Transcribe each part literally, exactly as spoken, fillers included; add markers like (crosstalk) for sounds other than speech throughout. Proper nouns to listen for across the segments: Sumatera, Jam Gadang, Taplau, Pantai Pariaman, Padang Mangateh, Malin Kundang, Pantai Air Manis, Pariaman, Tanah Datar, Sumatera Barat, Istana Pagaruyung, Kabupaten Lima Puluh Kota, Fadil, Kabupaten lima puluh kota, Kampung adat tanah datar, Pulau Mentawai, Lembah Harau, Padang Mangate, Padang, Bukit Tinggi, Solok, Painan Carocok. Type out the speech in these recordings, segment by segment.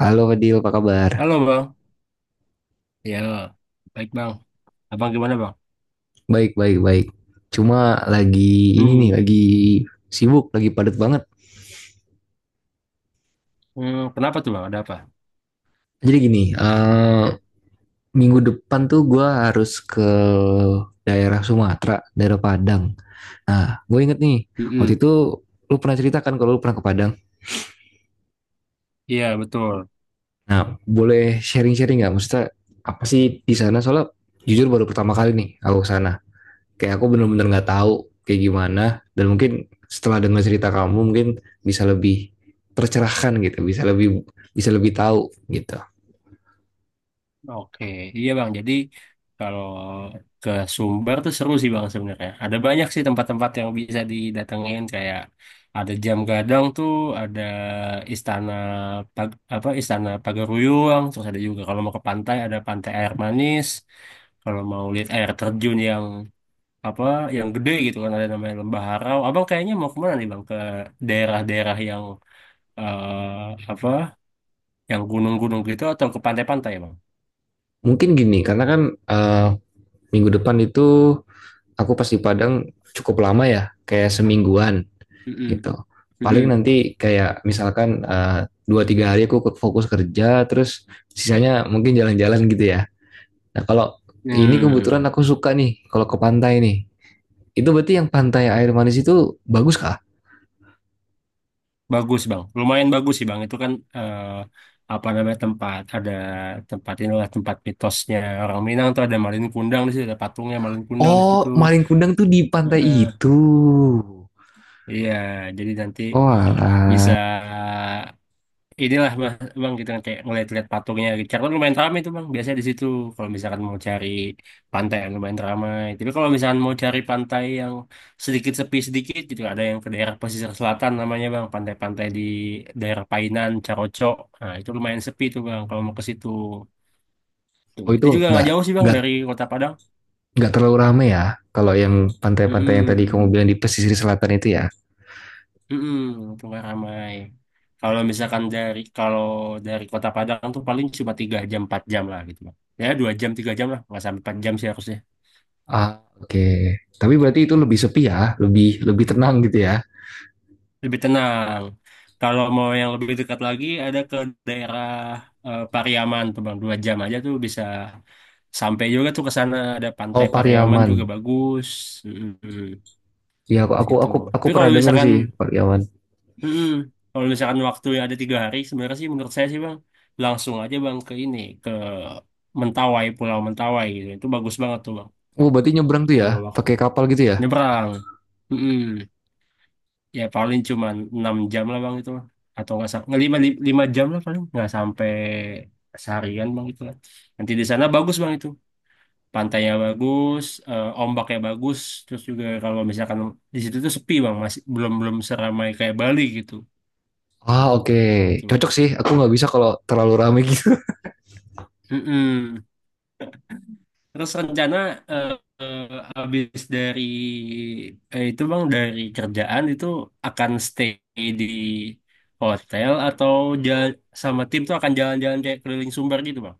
Halo Fadil, apa kabar? Halo bang, ya baik bang. Abang gimana bang? Baik, baik, baik. Cuma lagi ini nih, Hmm, lagi sibuk, lagi padat banget. hmm, kenapa tuh bang? Ada apa? Jadi gini, eh, minggu depan tuh gue harus ke daerah Sumatera, daerah Padang. Nah, gue inget nih, waktu Mm-mm. itu lu pernah ceritakan kalau lu pernah ke Padang. Iya betul. Nah, boleh sharing-sharing nggak? Maksudnya apa sih di sana? Soalnya jujur baru pertama kali nih aku ke sana. Kayak aku benar-benar nggak tahu kayak gimana, dan mungkin setelah dengar cerita kamu mungkin bisa lebih tercerahkan gitu, bisa lebih bisa lebih tahu gitu. Oke, iya bang. Jadi kalau ke Sumber tuh seru sih bang sebenarnya. Ada banyak sih tempat-tempat yang bisa didatengin kayak ada Jam Gadang tuh, ada Istana Pag- apa Istana Pagaruyung, terus ada juga kalau mau ke pantai ada Pantai Air Manis. Kalau mau lihat air terjun yang apa yang gede gitu kan ada namanya Lembah Harau. Abang kayaknya mau kemana nih bang? Ke daerah-daerah yang eh, apa? Yang gunung-gunung gitu atau ke pantai-pantai bang? Mungkin gini, karena kan eh, minggu depan itu aku pas di Padang cukup lama ya, kayak semingguan Mm-mm. gitu. Paling Mm-mm. nanti kayak misalkan eh, dua tiga hari aku fokus kerja, terus sisanya mungkin jalan-jalan gitu ya. Nah, kalau ini kebetulan Hmm. aku suka nih kalau ke pantai nih. Itu berarti yang pantai air manis itu bagus kah? Bagus bang, lumayan bagus sih bang. Itu kan eh, apa namanya tempat ada tempat inilah tempat mitosnya orang Minang tuh, ada Malin Kundang di situ, ada patungnya Malin Kundang di situ. Oh, maling kundang tuh di pantai Heeh. itu. Iya, jadi nanti Oh, bisa alah. inilah bang, bang kita kayak ngeliat-liat patungnya Richard, kan lumayan ramai itu bang biasanya di situ kalau misalkan mau cari pantai yang lumayan ramai. Tapi kalau misalkan mau cari pantai yang sedikit sepi sedikit gitu, ada yang ke daerah pesisir selatan namanya bang, pantai-pantai di daerah Painan Carocok. Nah, itu lumayan sepi tuh bang kalau mau ke situ, tuh Oh, itu itu juga nggak nggak jauh sih bang nggak dari kota Padang. nggak terlalu ramai ya. Kalau yang pantai-pantai yang tadi Mm-mm. kamu bilang di pesisir selatan itu ya. Mm-mm, keluar ramai. Kalau misalkan dari kalau dari Kota Padang tuh paling cuma tiga jam empat jam lah gitu lah. Ya dua jam tiga jam lah, nggak sampai empat jam sih harusnya. Ah, oke. Okay. Tapi berarti itu lebih sepi ya, lebih lebih tenang gitu ya. Lebih tenang. Kalau mau yang lebih dekat lagi, ada ke daerah eh, Pariaman tuh bang, dua jam aja tuh bisa sampai juga tuh ke sana, ada Oh, Pantai Pariaman juga Pariaman. bagus. Mm-mm, Ya, aku aku situ. aku aku Tapi kalau pernah denger misalkan. sih Pariaman. Mm-mm. Kalau misalkan waktu ada tiga hari, sebenarnya sih menurut saya sih bang, langsung aja bang ke ini, ke Mentawai, Pulau Mentawai gitu. Itu bagus banget tuh bang, Oh, berarti nyebrang tuh ya, kalau waktu pakai kapal gitu ya? nyebrang. Mm-mm. Ya paling cuma enam jam lah bang itu bang. Atau nggak sampai, lima lima jam lah paling, nggak sampai seharian bang gitu lah. Nanti di sana bagus bang itu. Pantainya bagus, eh, ombaknya bagus, terus juga kalau misalkan di situ tuh sepi bang, masih belum belum seramai kayak Bali gitu. Ah, oke. Gitu. Cocok sih. Aku nggak bisa kalau terlalu rame gitu. Mm-mm. Terus rencana eh, eh, habis dari eh, itu Bang, dari kerjaan itu akan stay di hotel, atau jalan sama tim tuh akan jalan-jalan kayak keliling Sumbar gitu Bang.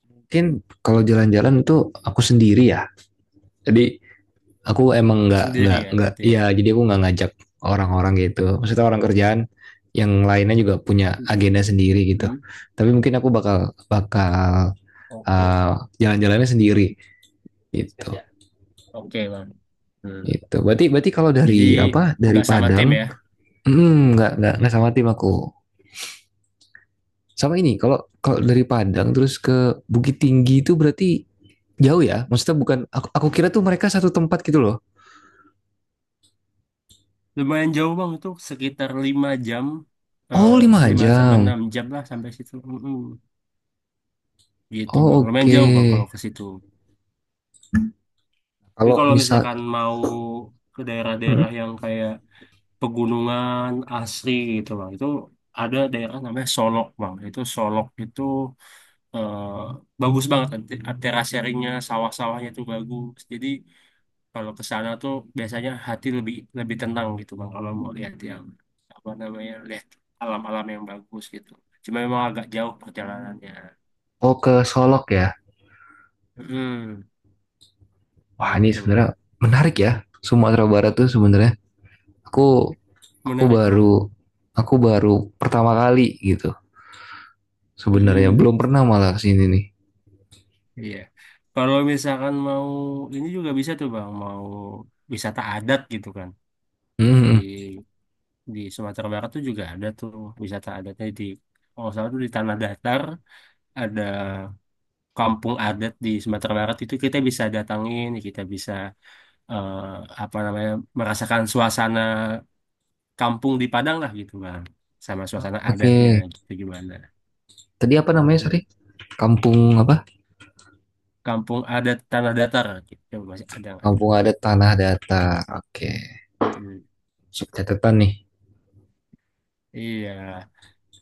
(laughs) Mungkin kalau jalan-jalan itu aku sendiri ya. Jadi aku emang nggak Sendiri nggak ya nggak. berarti ya. Iya, jadi aku nggak ngajak orang-orang gitu. Maksudnya orang kerjaan yang lainnya juga punya Mhm. agenda sendiri gitu. Mhm. Tapi mungkin aku bakal bakal Oke. uh, jalan-jalannya sendiri Siap gitu. ya. Oke Bang. Hmm. Itu. Berarti berarti kalau dari Jadi apa? Dari nggak sama Padang, tim ya. hmm, nggak nggak nggak sama tim aku. Sama ini, kalau kalau dari Padang terus ke Bukit Tinggi itu berarti jauh ya? Maksudnya bukan, aku, aku kira tuh mereka satu tempat gitu loh. Lumayan jauh Bang, itu sekitar lima jam eh Oh, lima lima sampai jam. enam jam lah sampai situ. Mm-mm. Gitu Bang. Oh, Lumayan oke. jauh Bang kalau Okay. ke situ. Tapi Kalau kalau misal, misalkan mau ke hmm. daerah-daerah yang kayak pegunungan asri gitu bang, itu ada daerah namanya Solok bang. Itu Solok itu eh, bagus banget kan, Te- terasering-nya, sawah-sawahnya itu bagus. Jadi kalau ke sana tuh biasanya hati lebih lebih tenang gitu bang. Kalau mau lihat yang apa namanya, lihat alam-alam yang bagus gitu. Cuma memang agak jauh perjalanannya Oh, ke gitu bang. Solok ya? Mm, Wah, ini gitu. sebenarnya menarik ya. Sumatera Barat tuh sebenarnya. Aku, aku Menarik bang. baru, aku baru pertama kali gitu. Sebenarnya belum pernah malah kesini nih. Iya. Kalau misalkan mau ini juga bisa tuh Bang, mau wisata adat gitu kan. Hmm. Di Hmm. di Sumatera Barat tuh juga ada tuh wisata adatnya, di kalau nggak salah tuh di Tanah Datar ada kampung adat di Sumatera Barat, itu kita bisa datangin, kita bisa eh, apa namanya, merasakan suasana kampung di Padang lah gitu Bang. Sama Ah, suasana oke. adatnya Okay. gitu gimana. Tadi apa namanya, Mm-mm. sorry? Kampung apa? Kampung adat Tanah Datar gitu masih ada nggak tuh? Kampung adat Tanah Datar. Oke. Mm-mm. Sub catatan nih. Iya.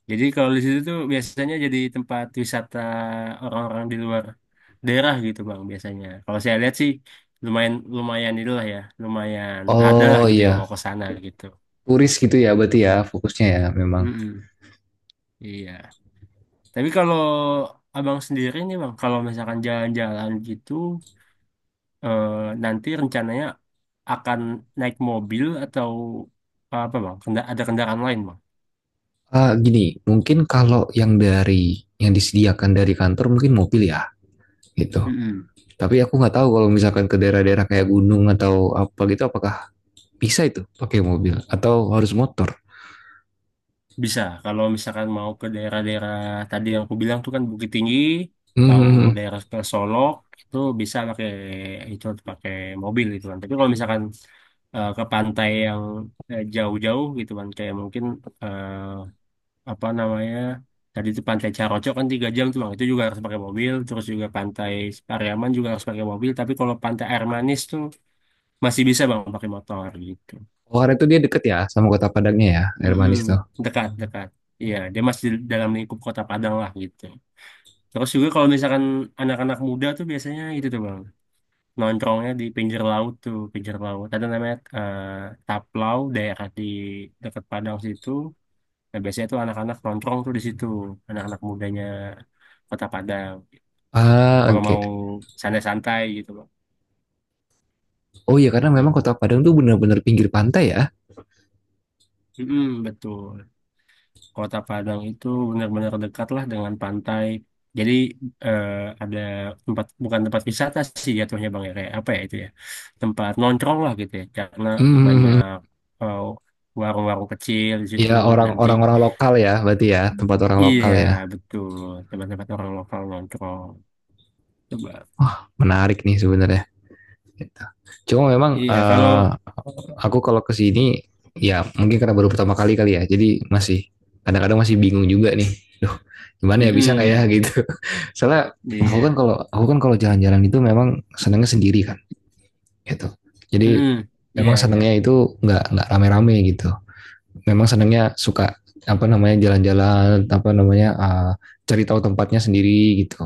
Jadi kalau di situ tuh biasanya jadi tempat wisata orang-orang di luar daerah gitu Bang biasanya. Kalau saya lihat sih lumayan lumayan itulah ya, lumayan ada lah Oh gitu yang iya, mau ke sana gitu. turis gitu ya berarti ya, Hmm. fokusnya ya memang. Mm-mm. Iya. Tapi kalau Abang sendiri nih Bang, kalau misalkan jalan-jalan gitu, eh, nanti rencananya akan naik mobil atau apa Bang? Kenda- ada kendaraan lain Bang? Ah, gini, mungkin kalau yang dari yang disediakan dari kantor mungkin mobil ya gitu. Mm-mm. Tapi aku nggak tahu kalau misalkan ke daerah-daerah kayak gunung atau apa gitu, apakah bisa itu pakai mobil atau harus motor. Bisa, kalau misalkan mau ke daerah-daerah tadi yang aku bilang tuh kan Bukit Tinggi, atau Hmm. daerah ke Solok, itu bisa pakai itu pakai mobil gitu kan. Tapi kalau misalkan eh, ke pantai yang eh, jauh-jauh gitu kan, kayak mungkin eh, apa namanya, tadi itu Pantai Caroco kan tiga jam tuh bang, itu juga harus pakai mobil. Terus juga Pantai Pariaman juga harus pakai mobil. Tapi kalau Pantai Air Manis tuh masih bisa bang pakai motor gitu. Oh, karena itu dia deket ya sama kota Padangnya ya, air Mm-mm, manis tuh. dekat, dekat. Iya, dia masih di dalam lingkup Kota Padang lah gitu. Terus juga kalau misalkan anak-anak muda tuh biasanya itu tuh bang, nongkrongnya di pinggir laut tuh, pinggir laut. Ada namanya eh, Taplau, daerah di dekat Padang situ. Nah, biasanya tuh anak-anak nongkrong tuh di situ, anak-anak mudanya Kota Padang. Ah, Kalau oke. Okay. mau santai-santai gitu bang. Oh iya, karena memang Mm-mm. kota Padang tuh benar-benar pinggir pantai ya. Mm-mm, betul. Kota Padang itu benar-benar dekat lah dengan pantai. Jadi eh, ada tempat, bukan tempat wisata sih jatuhnya Bang ya, kayak apa ya itu ya, tempat nongkrong lah gitu ya, karena banyak Hmm. eh, warung-warung kecil di situ Ya nanti. orang-orang, orang lokal ya berarti ya, tempat orang lokal Iya ya. betul, tempat-tempat orang lokal nongkrong, coba. Wah, menarik nih sebenarnya. Gitu. Cuma memang Iya kalau. eh, aku kalau kesini ya mungkin karena baru pertama kali kali ya. Jadi masih kadang-kadang masih bingung juga nih. Duh, gimana ya, bisa nggak ya Mm-mm. gitu. (laughs) Soalnya aku kan Iya. kalau aku kan kalau jalan-jalan itu memang senangnya sendiri kan, gitu. Jadi Mm-mm. Iya memang iya. senangnya itu nggak nggak rame-rame gitu. Memang senangnya suka apa namanya jalan-jalan, apa namanya, eh, cari tahu tempatnya sendiri gitu.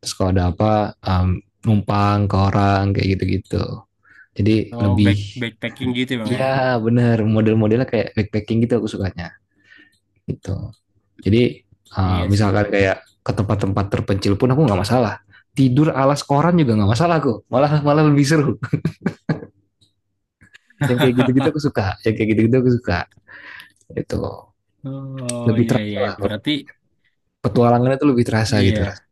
Terus kalau ada apa, em, numpang ke orang kayak gitu-gitu. Jadi Oh, lebih, back backpacking gitu Bang ya. ya benar, model-modelnya kayak backpacking gitu, aku sukanya gitu. Jadi, uh, Iya sih Bang. misalkan kayak ke tempat-tempat terpencil pun aku nggak masalah. Tidur alas koran juga nggak masalah aku. Malah malah lebih seru. (laughs) Yang kayak gitu-gitu aku (laughs) suka. Yang kayak gitu-gitu aku suka. Itu Oh lebih iya terasa iya lah. berarti Petualangannya tuh lebih terasa gitu. iya.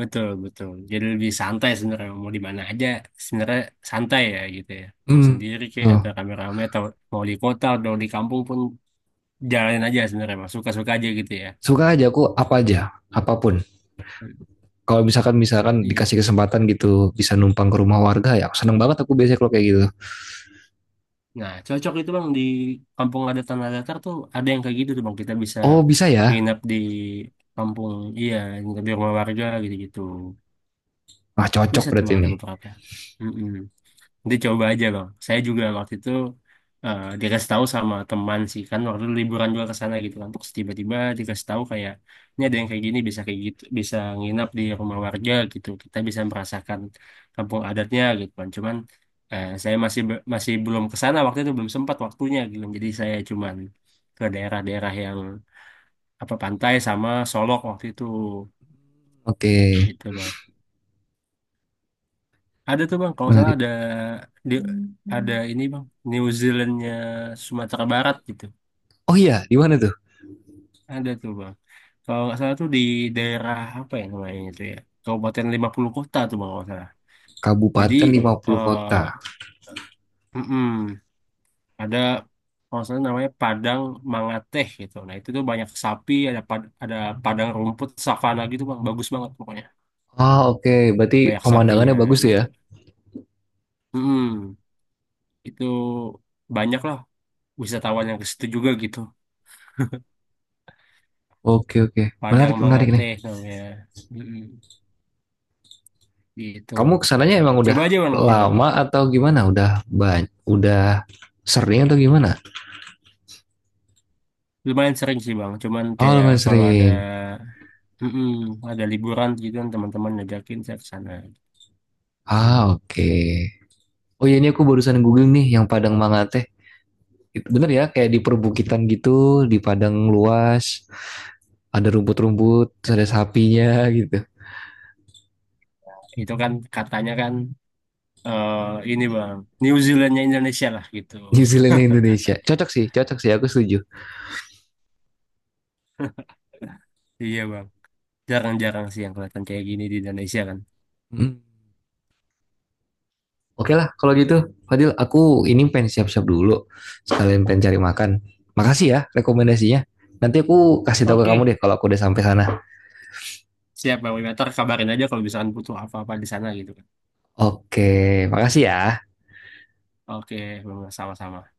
Betul, betul. Jadi lebih santai sebenarnya, mau di mana aja sebenarnya santai ya gitu ya. Mau Hmm. sendiri kayak atau Tuh. rame-rame, atau mau di kota atau di kampung pun, jalanin aja sebenarnya Mas. Suka-suka aja gitu ya. Suka aja aku apa aja, apapun. Hmm. Kalau misalkan misalkan Iya. dikasih kesempatan gitu bisa numpang ke rumah warga ya aku seneng banget aku biasanya kalau kayak gitu. Nah, cocok itu Bang di kampung ada Tanah Datar tuh ada yang kayak gitu tuh Bang. Kita bisa Oh, bisa ya. nginep di kampung, iya, nginep di rumah warga gitu-gitu. Wah, cocok Bisa tuh berarti Bang ada nih. beberapa. Mm-mm. Nanti coba aja bang. Saya juga waktu itu eh, dikasih tahu sama teman sih kan, waktu itu liburan juga ke sana gitu kan. Terus tiba-tiba dikasih tahu kayak ini ada yang kayak gini, bisa kayak gitu, bisa nginap di rumah warga gitu. Kita bisa merasakan kampung adatnya gitu kan. Cuman eh, saya masih be- masih belum ke sana waktu itu, belum sempat waktunya gitu kan. Jadi saya cuman ke daerah-daerah yang apa, pantai sama Solok waktu itu Oke, gitu. Ada tuh bang, kalau salah menarik. ada di, ada. Hmm. Ini bang, New Zealandnya Sumatera Barat gitu. Oh iya, di mana tuh? Ada tuh bang. Kalau nggak salah tuh di daerah apa ya namanya itu ya, Kabupaten Lima Puluh Kota tuh bang kalau nggak salah. Jadi Kabupaten lima puluh eh kota. mm-mm, ada kalau nggak salah namanya Padang Mangateh gitu. Nah itu tuh banyak sapi, ada pad- ada padang rumput savana gitu bang, bagus banget pokoknya. Ah, oke, okay. Berarti Banyak pemandangannya sapinya bagus tuh ya. gitu. Mm-mm, itu banyak lah wisatawan yang ke situ juga gitu. Oke, okay, oke, okay. Padang Menarik, menarik nih. Mangateh namanya. Mm-mm. Gitu bang. Kamu kesananya emang Coba udah aja bang nanti bang. lama atau gimana? Udah banyak, udah sering atau gimana? Lumayan sering sih bang. Cuman Oh, kayak lumayan kalau ada, sering. mm-mm, ada liburan gitu kan teman-teman ngajakin saya ke sana. Ah, oke. Okay. Oh iya, ini aku barusan googling nih yang Padang Mangate. Itu bener ya, kayak di perbukitan gitu, di padang luas, ada rumput-rumput, ada sapinya gitu. Itu kan katanya kan eh ini bang. New Zealandnya Indonesia lah gitu New Zealand (laughs) Indonesia. katanya. Cocok sih, cocok sih. Aku setuju. Iya bang. Jarang-jarang sih yang kelihatan kayak gini di Indonesia kan. Mm. Oke lah, kalau gitu, Fadil, aku ini pengen siap-siap dulu. Sekalian pengen cari makan. Makasih ya rekomendasinya. Nanti aku kasih tahu ke kamu Oke. deh kalau aku udah sampai sana. Siap bang. Ntar kabarin aja kalau misalkan butuh apa-apa di sana gitu kan. Oke, makasih ya. Oke bang. Sama-sama.